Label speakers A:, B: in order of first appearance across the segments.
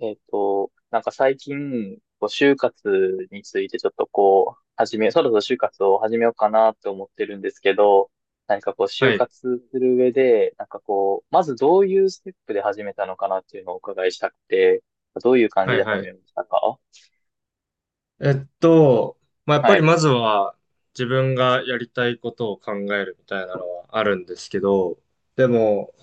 A: なんか最近、就活についてちょっとこう、始め、そろそろ就活を始めようかなって思ってるんですけど、何かこう、就
B: はい、
A: 活する上で、まずどういうステップで始めたのかなっていうのをお伺いしたくて、どういう感
B: は
A: じ
B: い、
A: で始
B: は
A: め
B: い。
A: ましたか？
B: えっと、まあ、やっぱ
A: は
B: り
A: い。
B: まずは自分がやりたいことを考えるみたいなのはあるんですけど、でも、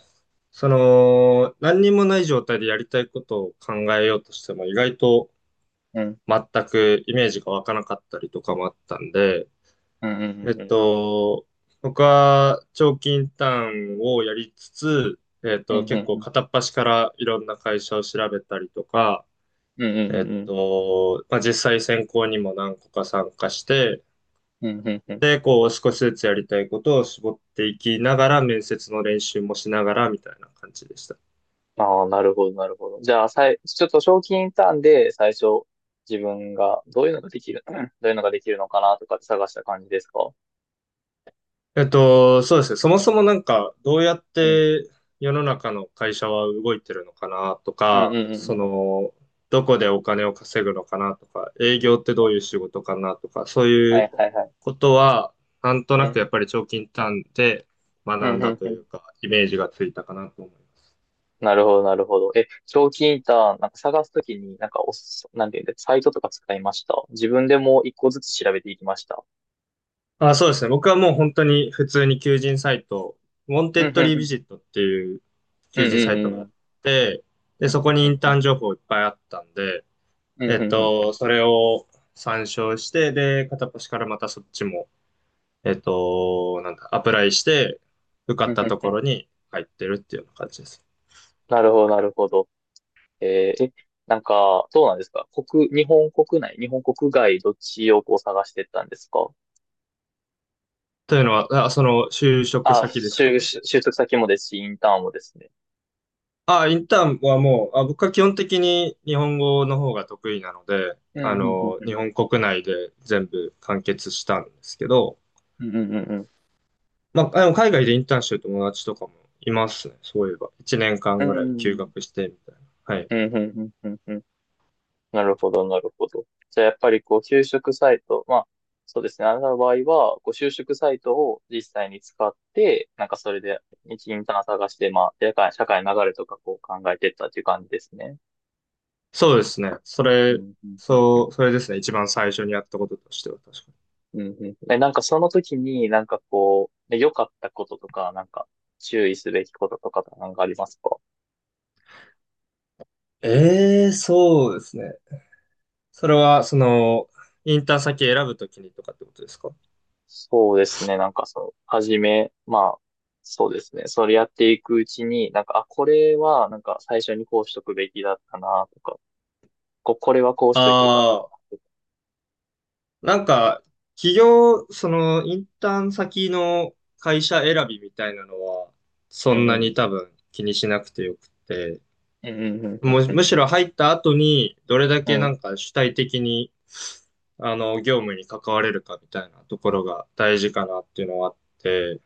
B: 何にもない状態でやりたいことを考えようとしても意外と
A: うん。
B: 全くイメージが湧かなかったりとかもあったんで、
A: うんうん
B: えっ
A: うんうん。
B: と、僕は長期インターンをやりつつ、
A: うんう
B: 結
A: んう
B: 構
A: ん。
B: 片っ端からいろんな会社を調べたりとか、
A: うんうんうんうん。
B: まあ、実際選考にも何個か参加して、
A: うんうんうん。
B: で、こう少しずつやりたいことを絞っていきながら、面接の練習もしながらみたいな感じでした。
A: ああ、なるほど、なるほど。じゃあ、さい、ちょっと賞金ターンで最初、自分がどういうのができる、どういうのができるのかなとかって探した感じですか？
B: そうですね。そもそもなんか、どうやっ
A: うん。
B: て世の中の会社は動いてるのかなと
A: うんうん
B: か、
A: うんうん。
B: どこでお金を稼ぐのかなとか、営業ってどういう仕事かなとか、そうい
A: は
B: う
A: いはいはい。
B: ことは、なんと
A: う
B: なくやっ
A: ん。
B: ぱり長期インターンで
A: う
B: 学
A: んう
B: んだ
A: ん
B: と
A: う
B: い
A: ん。
B: うか、イメージがついたかなと思います。
A: なるほど、なるほど。え、賞金ターン、なんか探すときに、なんかおす、なんていうんだ、サイトとか使いました？自分でもう一個ずつ調べていきました？
B: あ、そうですね。僕はもう本当に普通に求人サイト、ウォン
A: う
B: テ
A: ん
B: ッ
A: うん
B: ド
A: う
B: リ
A: ん
B: ー
A: う
B: ビ
A: ん。
B: ジットっていう
A: うん
B: 求
A: う
B: 人サ
A: ん
B: イトが
A: う
B: あっ
A: ん。
B: て、で、
A: うん
B: そこに
A: う
B: イン
A: ん
B: タ
A: う
B: ーン情報いっぱいあったんで、
A: ん。うんうんうん。
B: それを参照して、で、片っ端からまたそっちも、なんだ、アプライして、受か
A: う
B: っ
A: んう
B: た
A: ん
B: と
A: う
B: こ
A: ん。
B: ろに入ってるっていうような感じです。
A: なるほど、なるほど。えーえ、なんか、そうなんですか？日本国内、日本国外、どっちをこう探してったんですか？
B: というのは、あ、その就職
A: あ、
B: 先ですか？
A: 就職先もですし、インターンもですね。
B: あ、インターンはもう、あ、僕は基本的に日本語の方が得意なので、
A: うん、うん、うん、う
B: 日
A: ん、
B: 本国内で全部完結したんですけど、
A: うん、うん、
B: まあ、でも海外でインターンしてる友達とかもいますね。そういえば。1年
A: う
B: 間ぐ
A: ん、う
B: らい休
A: ん、
B: 学してみたいな。はい。
A: うん、うん、うんうんうん。なるほど、なるほど。じゃあ、やっぱりこう、就職サイト、まあ、そうですね。あなたの場合は、こう、就職サイトを実際に使って、なんかそれで、一インターン探して、まあ、社会の流れとかこう考えてったっていう感じですね。
B: そうですね。そ
A: う
B: れ、
A: んうんうん
B: そう、それですね。一番最初にやったこととしては確かに。
A: うんうん。え、なんかその時になんかこう、ね、良かったこととか、なんか注意すべきこととかなんかありますか？
B: ええ、そうですね。それは、インターン先選ぶときにとかってことですか？
A: そうですね。なんかその、はじめ、まあ、そうですね。それやっていくうちに、なんか、あ、これはなんか最初にこうしとくべきだったなとか、これはこうしといてよかったな
B: ああ、
A: とか。
B: なんか、企業、その、インターン先の会社選びみたいなのは、
A: う
B: そん
A: んう
B: なに多
A: ん。
B: 分気にしなくてよくて、
A: うんうんうんうん
B: む、
A: うん。
B: むしろ入った後に、どれだ
A: う
B: けな
A: ん。
B: んか主体的に、業務に関われるかみたいなところが大事かなっていうのはあって、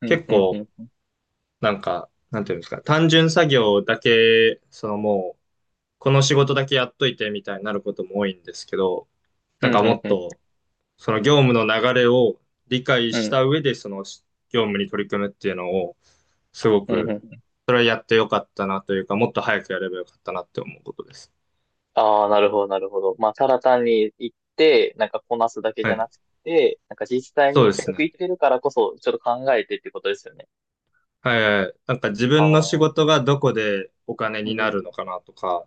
A: うん
B: 結
A: うん
B: 構、
A: うん
B: なんか、なんていうんですか、単純作業だけ、そのもう、この仕事だけやっといてみたいになることも多いんですけど、
A: う
B: な
A: ん。
B: ん
A: う
B: か
A: んう
B: も
A: ん
B: っ
A: うん
B: と、その業務の流れを理解
A: う
B: し
A: ん。
B: た上で、その業務に取り組むっていうのを、すご
A: うんうん
B: く、
A: うん。
B: それはやってよかったなというか、もっと早くやればよかったなって思うことです。
A: ああ、なるほど、なるほど。まあ、ただ単に行って、なんかこなすだけじ
B: は
A: ゃな
B: い。
A: くて、なんか実際
B: そう
A: に、
B: で
A: せっ
B: す
A: かく
B: ね。
A: 行ってるからこそ、ちょっと考えてってことですよね。
B: はいはい。なんか自
A: あ
B: 分の仕
A: あ、
B: 事がどこでお金
A: う
B: に
A: ん、う
B: なる
A: ん、
B: のかなとか、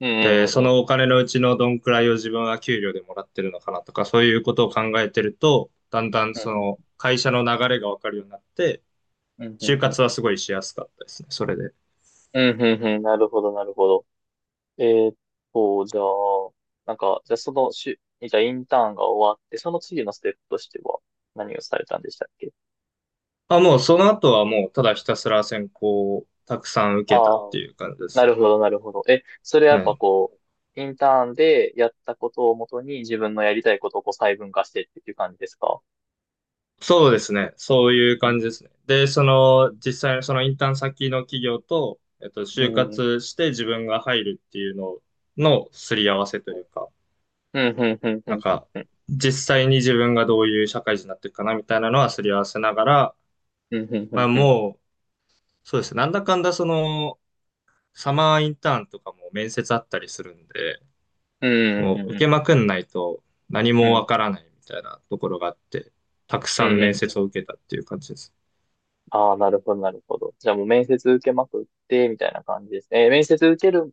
A: う
B: で、
A: ん、
B: そ
A: う
B: のお
A: ん、
B: 金のうちのどんくらいを自分は給料でもらってるのかなとか、そういうことを考えてると、だんだん
A: う
B: そ
A: ん、
B: の会社の流れがわかるようになって、
A: うん、うん、
B: 就
A: うん、う
B: 活はすごいしやすかったですね、それで。
A: ん、うん、うん、なるほど、なるほど。えーっじゃあ、なんか、じゃあそのしゅ、じゃあインターンが終わって、その次のステップとしては、何をされたんでしたっけ？
B: あ、もうその後はもうただひたすら選考をたくさん受けた
A: あ
B: っ
A: あ、
B: ていう感じで
A: な
B: す。
A: るほど、なるほど。え、それはや
B: は
A: っぱ
B: い。
A: こう、インターンでやったことをもとに自分のやりたいことをこう細分化してっていう感じですか？
B: そうですね。そういう
A: うん。
B: 感じですね。で、
A: うん。
B: 実際のそのインターン先の企業と、
A: う
B: 就
A: ん、
B: 活して自分が入るっていうののすり合わせというか、
A: うん、うん、うん、う
B: なん
A: ん、
B: か、実際に自分がどういう社会人になっていくかなみたいなのはすり合わせながら、
A: うん、うん、う
B: ま
A: ん、
B: あ
A: うん、
B: もう、そうですね。なんだかんだその、サマーインターンとかも面接あったりするんで、
A: うん、
B: も
A: う
B: う
A: ん、う
B: 受け
A: ん、
B: まくんないと何
A: う
B: もわか
A: ん、
B: らないみたいなところがあって、たくさん面接を受けたっていう感じです。
A: ああ、なるほど、なるほど。じゃあもう面接受けまくって、みたいな感じですね。えー面接受ける、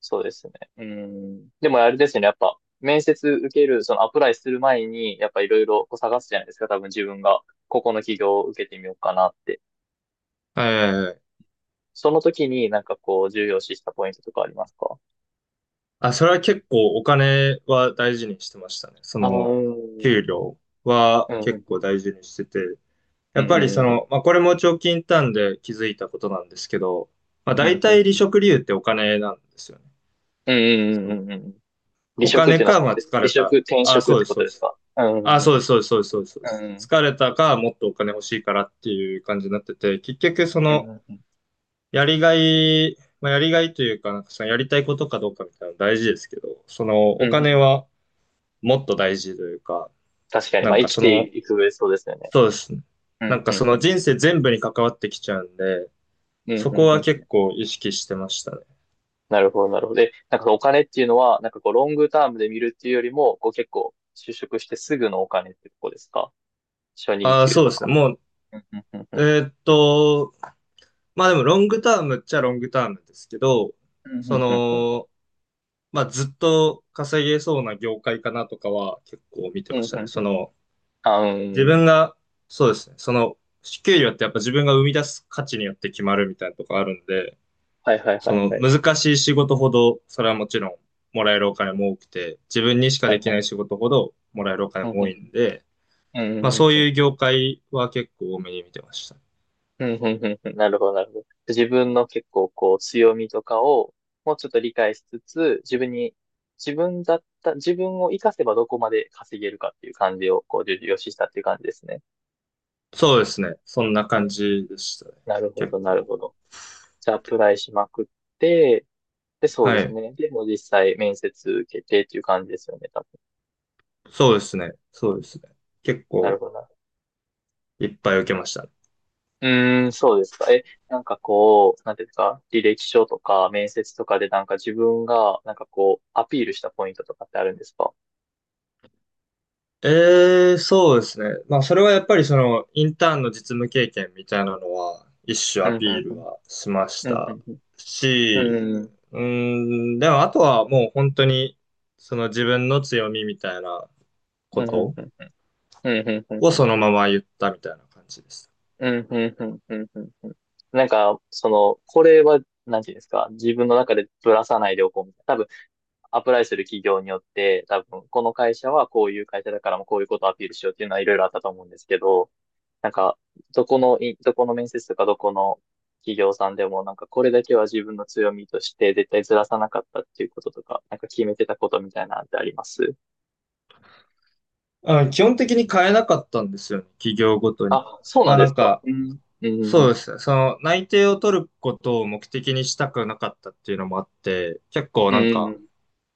A: そうですね。うん。でもあれですよね、やっぱ、面接受ける、そのアプライする前に、やっぱいろいろこう探すじゃないですか、多分自分が、ここの企業を受けてみようかなって。
B: はいはいはい。
A: その時になんかこう重要視したポイントとかありますか？
B: あ、それは結構お金は大事にしてましたね。
A: ああ、うん。う
B: 給
A: ん
B: 料は
A: う
B: 結
A: ん
B: 構大事にしてて。
A: う
B: やっぱり
A: ん
B: まあ、これも長期インターンで気づいたことなんですけど、まあ、
A: う
B: 大
A: んうん
B: 体
A: う
B: 離
A: ん
B: 職理由ってお金なんですよね。
A: うんう
B: そ
A: んうん
B: の
A: うんうん。離
B: お
A: 職っ
B: 金
A: ていうのは
B: か、
A: その、
B: まあ、疲れた。
A: 転
B: あ、
A: 職っ
B: そうで
A: て
B: す、
A: こ
B: そ
A: と
B: うで
A: です
B: す。
A: か？うん
B: あ、
A: う
B: そうで
A: ん
B: す、そうです、そうです、そうです。そうで
A: う
B: す
A: ん
B: 疲れたか、もっとお金欲しいからっていう感じになってて、結局
A: うんうんうん
B: やりがい、まあ、やりがいというか、なんかそのやりたいことかどうかみたいなの大事ですけど、その
A: う
B: お
A: んう
B: 金
A: ん。
B: はもっと大事というか、
A: 確かに、
B: な
A: まあ
B: ん
A: 生
B: か
A: きていく上そうですよね。
B: そうですね。
A: う
B: な
A: ん
B: んか
A: う
B: そ
A: んう
B: の
A: ん
B: 人生全部に関わってきちゃうんで、
A: うん
B: そ
A: う
B: こ
A: んう
B: は結
A: ん。
B: 構意識してましたね。
A: なるほど、なるほど。で、なんかお金っていうのは、なんかこうロングタームで見るっていうよりも、こう結構就職してすぐのお金ってとこですか？初任
B: ああ、
A: 給
B: そ
A: と
B: うです
A: か。
B: ね。も
A: うんうんう
B: う、
A: ん
B: まあでもロングタームっちゃロングタームですけど、
A: うんう
B: そ
A: んうんうん
B: の、まあ、ずっと稼げそうな業界かなとかは結構見て
A: う
B: ま
A: んう
B: したね。
A: ん。あ
B: 自
A: ー、
B: 分が、そうですね、給料ってやっぱ自分が生み出す価値によって決まるみたいなとこあるんで、
A: はいはいは
B: そ
A: い
B: の
A: はい。
B: 難しい仕事ほど、それはもちろんもらえるお金も多くて、自分にしか
A: は
B: で
A: い
B: き
A: は
B: ない
A: い。
B: 仕事ほどもらえるお金
A: うん、
B: も
A: う
B: 多い
A: ん、
B: んで、
A: う
B: まあ
A: ん、
B: そう
A: うん、
B: いう業界は結構多めに見てました。
A: うん、うん、うん、なるほど、なるほど。自分の結構こう強みとかをもうちょっと理解しつつ、自分に、自分だった、自分を活かせばどこまで稼げるかっていう感じをこう重要視したっていう感じですね。
B: そうですね。そんな
A: うん、
B: 感じでしたね。
A: なるほ
B: 結
A: ど、なる
B: 構。
A: ほど。じゃあアプライしまくって、で、そうで
B: は
A: す
B: い。
A: ね。でも実際面接受けてっていう感じですよね、多分。
B: そうですね。そうですね。結
A: なる
B: 構
A: ほど。
B: いっぱい受けましたね。ええ、そうですね。まあ、それはやっぱりインターンの実務経験みたいなのは、一種アピールはしましたし、うーでもあとはもう本当に、その自分の強みみたいなことをそのまま言ったみたいな感じです。
A: うん、うん、うん、うん、うん。うん。なんか、その、これは、なんていうんですか、自分の中でぶらさないでおこうみたいな。多分、アプライする企業によって、多分、この会社はこういう会社だからもこういうことをアピールしようっていうのはいろいろあったと思うんですけど、なんか、どこの面接とかどこの企業さんでも、なんかこれだけは自分の強みとして絶対ずらさなかったっていうこととか、なんか決めてたことみたいなのってあります？
B: あ、基本的に変えなかったんですよね、企業ごとに。
A: あ、そうな
B: ま
A: ん
B: あ
A: で
B: な
A: す
B: ん
A: か。
B: か、
A: うん。う
B: そう
A: ん。
B: ですね。その内定を取ることを目的にしたくなかったっていうのもあって、結構
A: う
B: なん
A: ん。う
B: か、
A: ん。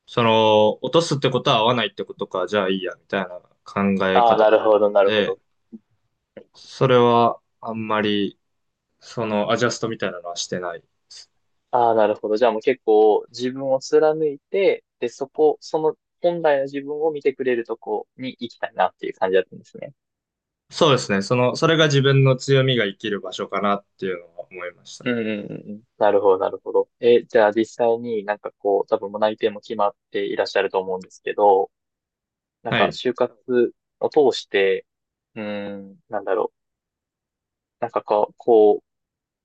B: 落とすってことは合わないってことか、じゃあいいや、みたいな考え
A: ああ、
B: 方
A: な
B: だっ
A: るほ
B: た
A: ど、
B: ん
A: なるほ
B: で、
A: ど。
B: それはあんまり、アジャストみたいなのはしてない。
A: ああ、なるほど。じゃあもう結構自分を貫いて、で、その本来の自分を見てくれるとこに行きたいなっていう感じだったんですね。
B: そうですね。それが自分の強みが生きる場所かなっていうのは思いました。
A: うんうんうんうん。なるほど、なるほど。え、じゃあ実際になんかこう、多分もう内定も決まっていらっしゃると思うんですけど、なん
B: は
A: か
B: い。
A: 就活を通して、うーん、なんだろう。なんかこう、こ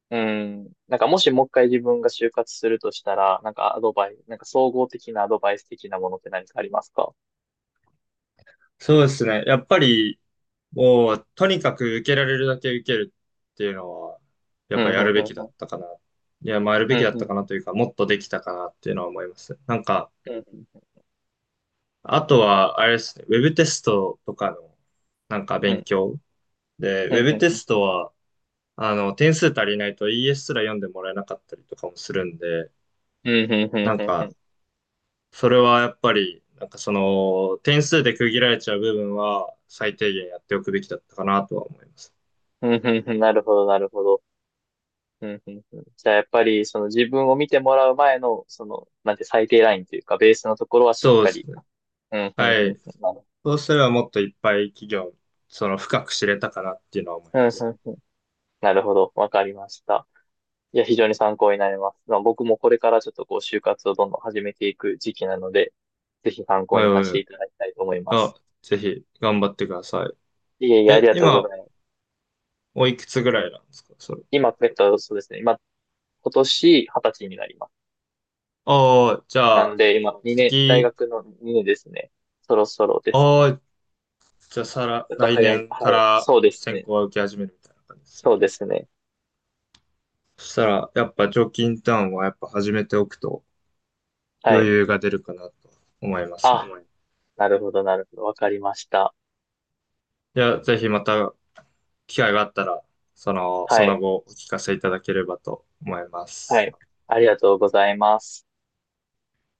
A: う、うーなんかもしもう一回自分が就活するとしたら、なんかアドバイス、なんか総合的なアドバイス的なものって何かありますか？
B: そうですね。やっぱり、もう、とにかく受けられるだけ受けるっていうのは、や
A: う
B: っ
A: ん、
B: ぱ
A: うん、
B: や
A: う
B: るべ
A: ん、
B: き
A: う
B: だっ
A: ん。
B: たかな。いや、まあやる
A: う
B: べき
A: ん
B: だっ
A: う
B: た
A: ん
B: かなというか、もっとできたかなっていうのは思います。なんか、
A: うん、
B: あとは、あれですね、ウェブテストとかの、なんか
A: う
B: 勉
A: ん、
B: 強。で、ウ
A: う
B: ェ
A: ん、う
B: ブ
A: ん、
B: テ
A: うん、
B: ストは、点数足りないと ES すら読んでもらえなかったりとかもするんで、
A: うん、うん、うん、
B: なん
A: うん、
B: か、それはやっぱり、なんか点数で区切られちゃう部分は、最低限やっておくべきだったかなとは思います。
A: うん、うん、なるほど、なるほど。うん、うん、うん。じゃあ、やっぱり、その自分を見てもらう前の、その、なんて最低ラインというか、ベースのところはしっ
B: そう
A: か
B: で
A: り。
B: すね。
A: うん、うん、
B: は
A: うん、う
B: い。
A: ん、なる、
B: そうすればもっといっぱい企業、深く知れたかなっていうのは思い
A: うん
B: ます。
A: うんうん、なるほど。わかりました。いや、非常に参考になります。まあ、僕もこれからちょっとこう、就活をどんどん始めていく時期なので、ぜひ参考
B: はい
A: に
B: は
A: さ
B: い
A: せて
B: はい。
A: いただきたいと思いま
B: あ、
A: す。
B: ぜひ、頑張ってください。
A: いえいえ、あり
B: え、
A: がとうご
B: 今、
A: ざいます。
B: おいくつぐらいなんですかそれ？
A: 今、そうですね。今、今年二十歳になります。
B: ああ、じゃ
A: なん
B: あ、
A: で、今、2年、大
B: 次、
A: 学の2年ですね。そろそろです
B: あ
A: ね。
B: あ、じゃあ、さら、
A: ちょっと
B: 来
A: 早め、
B: 年
A: は
B: か
A: い。
B: ら
A: そうです
B: 選
A: ね。
B: 考は受け始めるみたいな感じですね。
A: そうですね。
B: そしたら、やっぱ、常勤ターンはやっぱ始めておくと
A: は
B: 余
A: い。
B: 裕が出るかなと思いますね。
A: あ、はい、なるほど、なるほど。わかりました。
B: いや、ぜひまた機会があったら、
A: は
B: その
A: い。
B: 後お聞かせいただければと思いま
A: は
B: す。
A: い。ありがとうございます。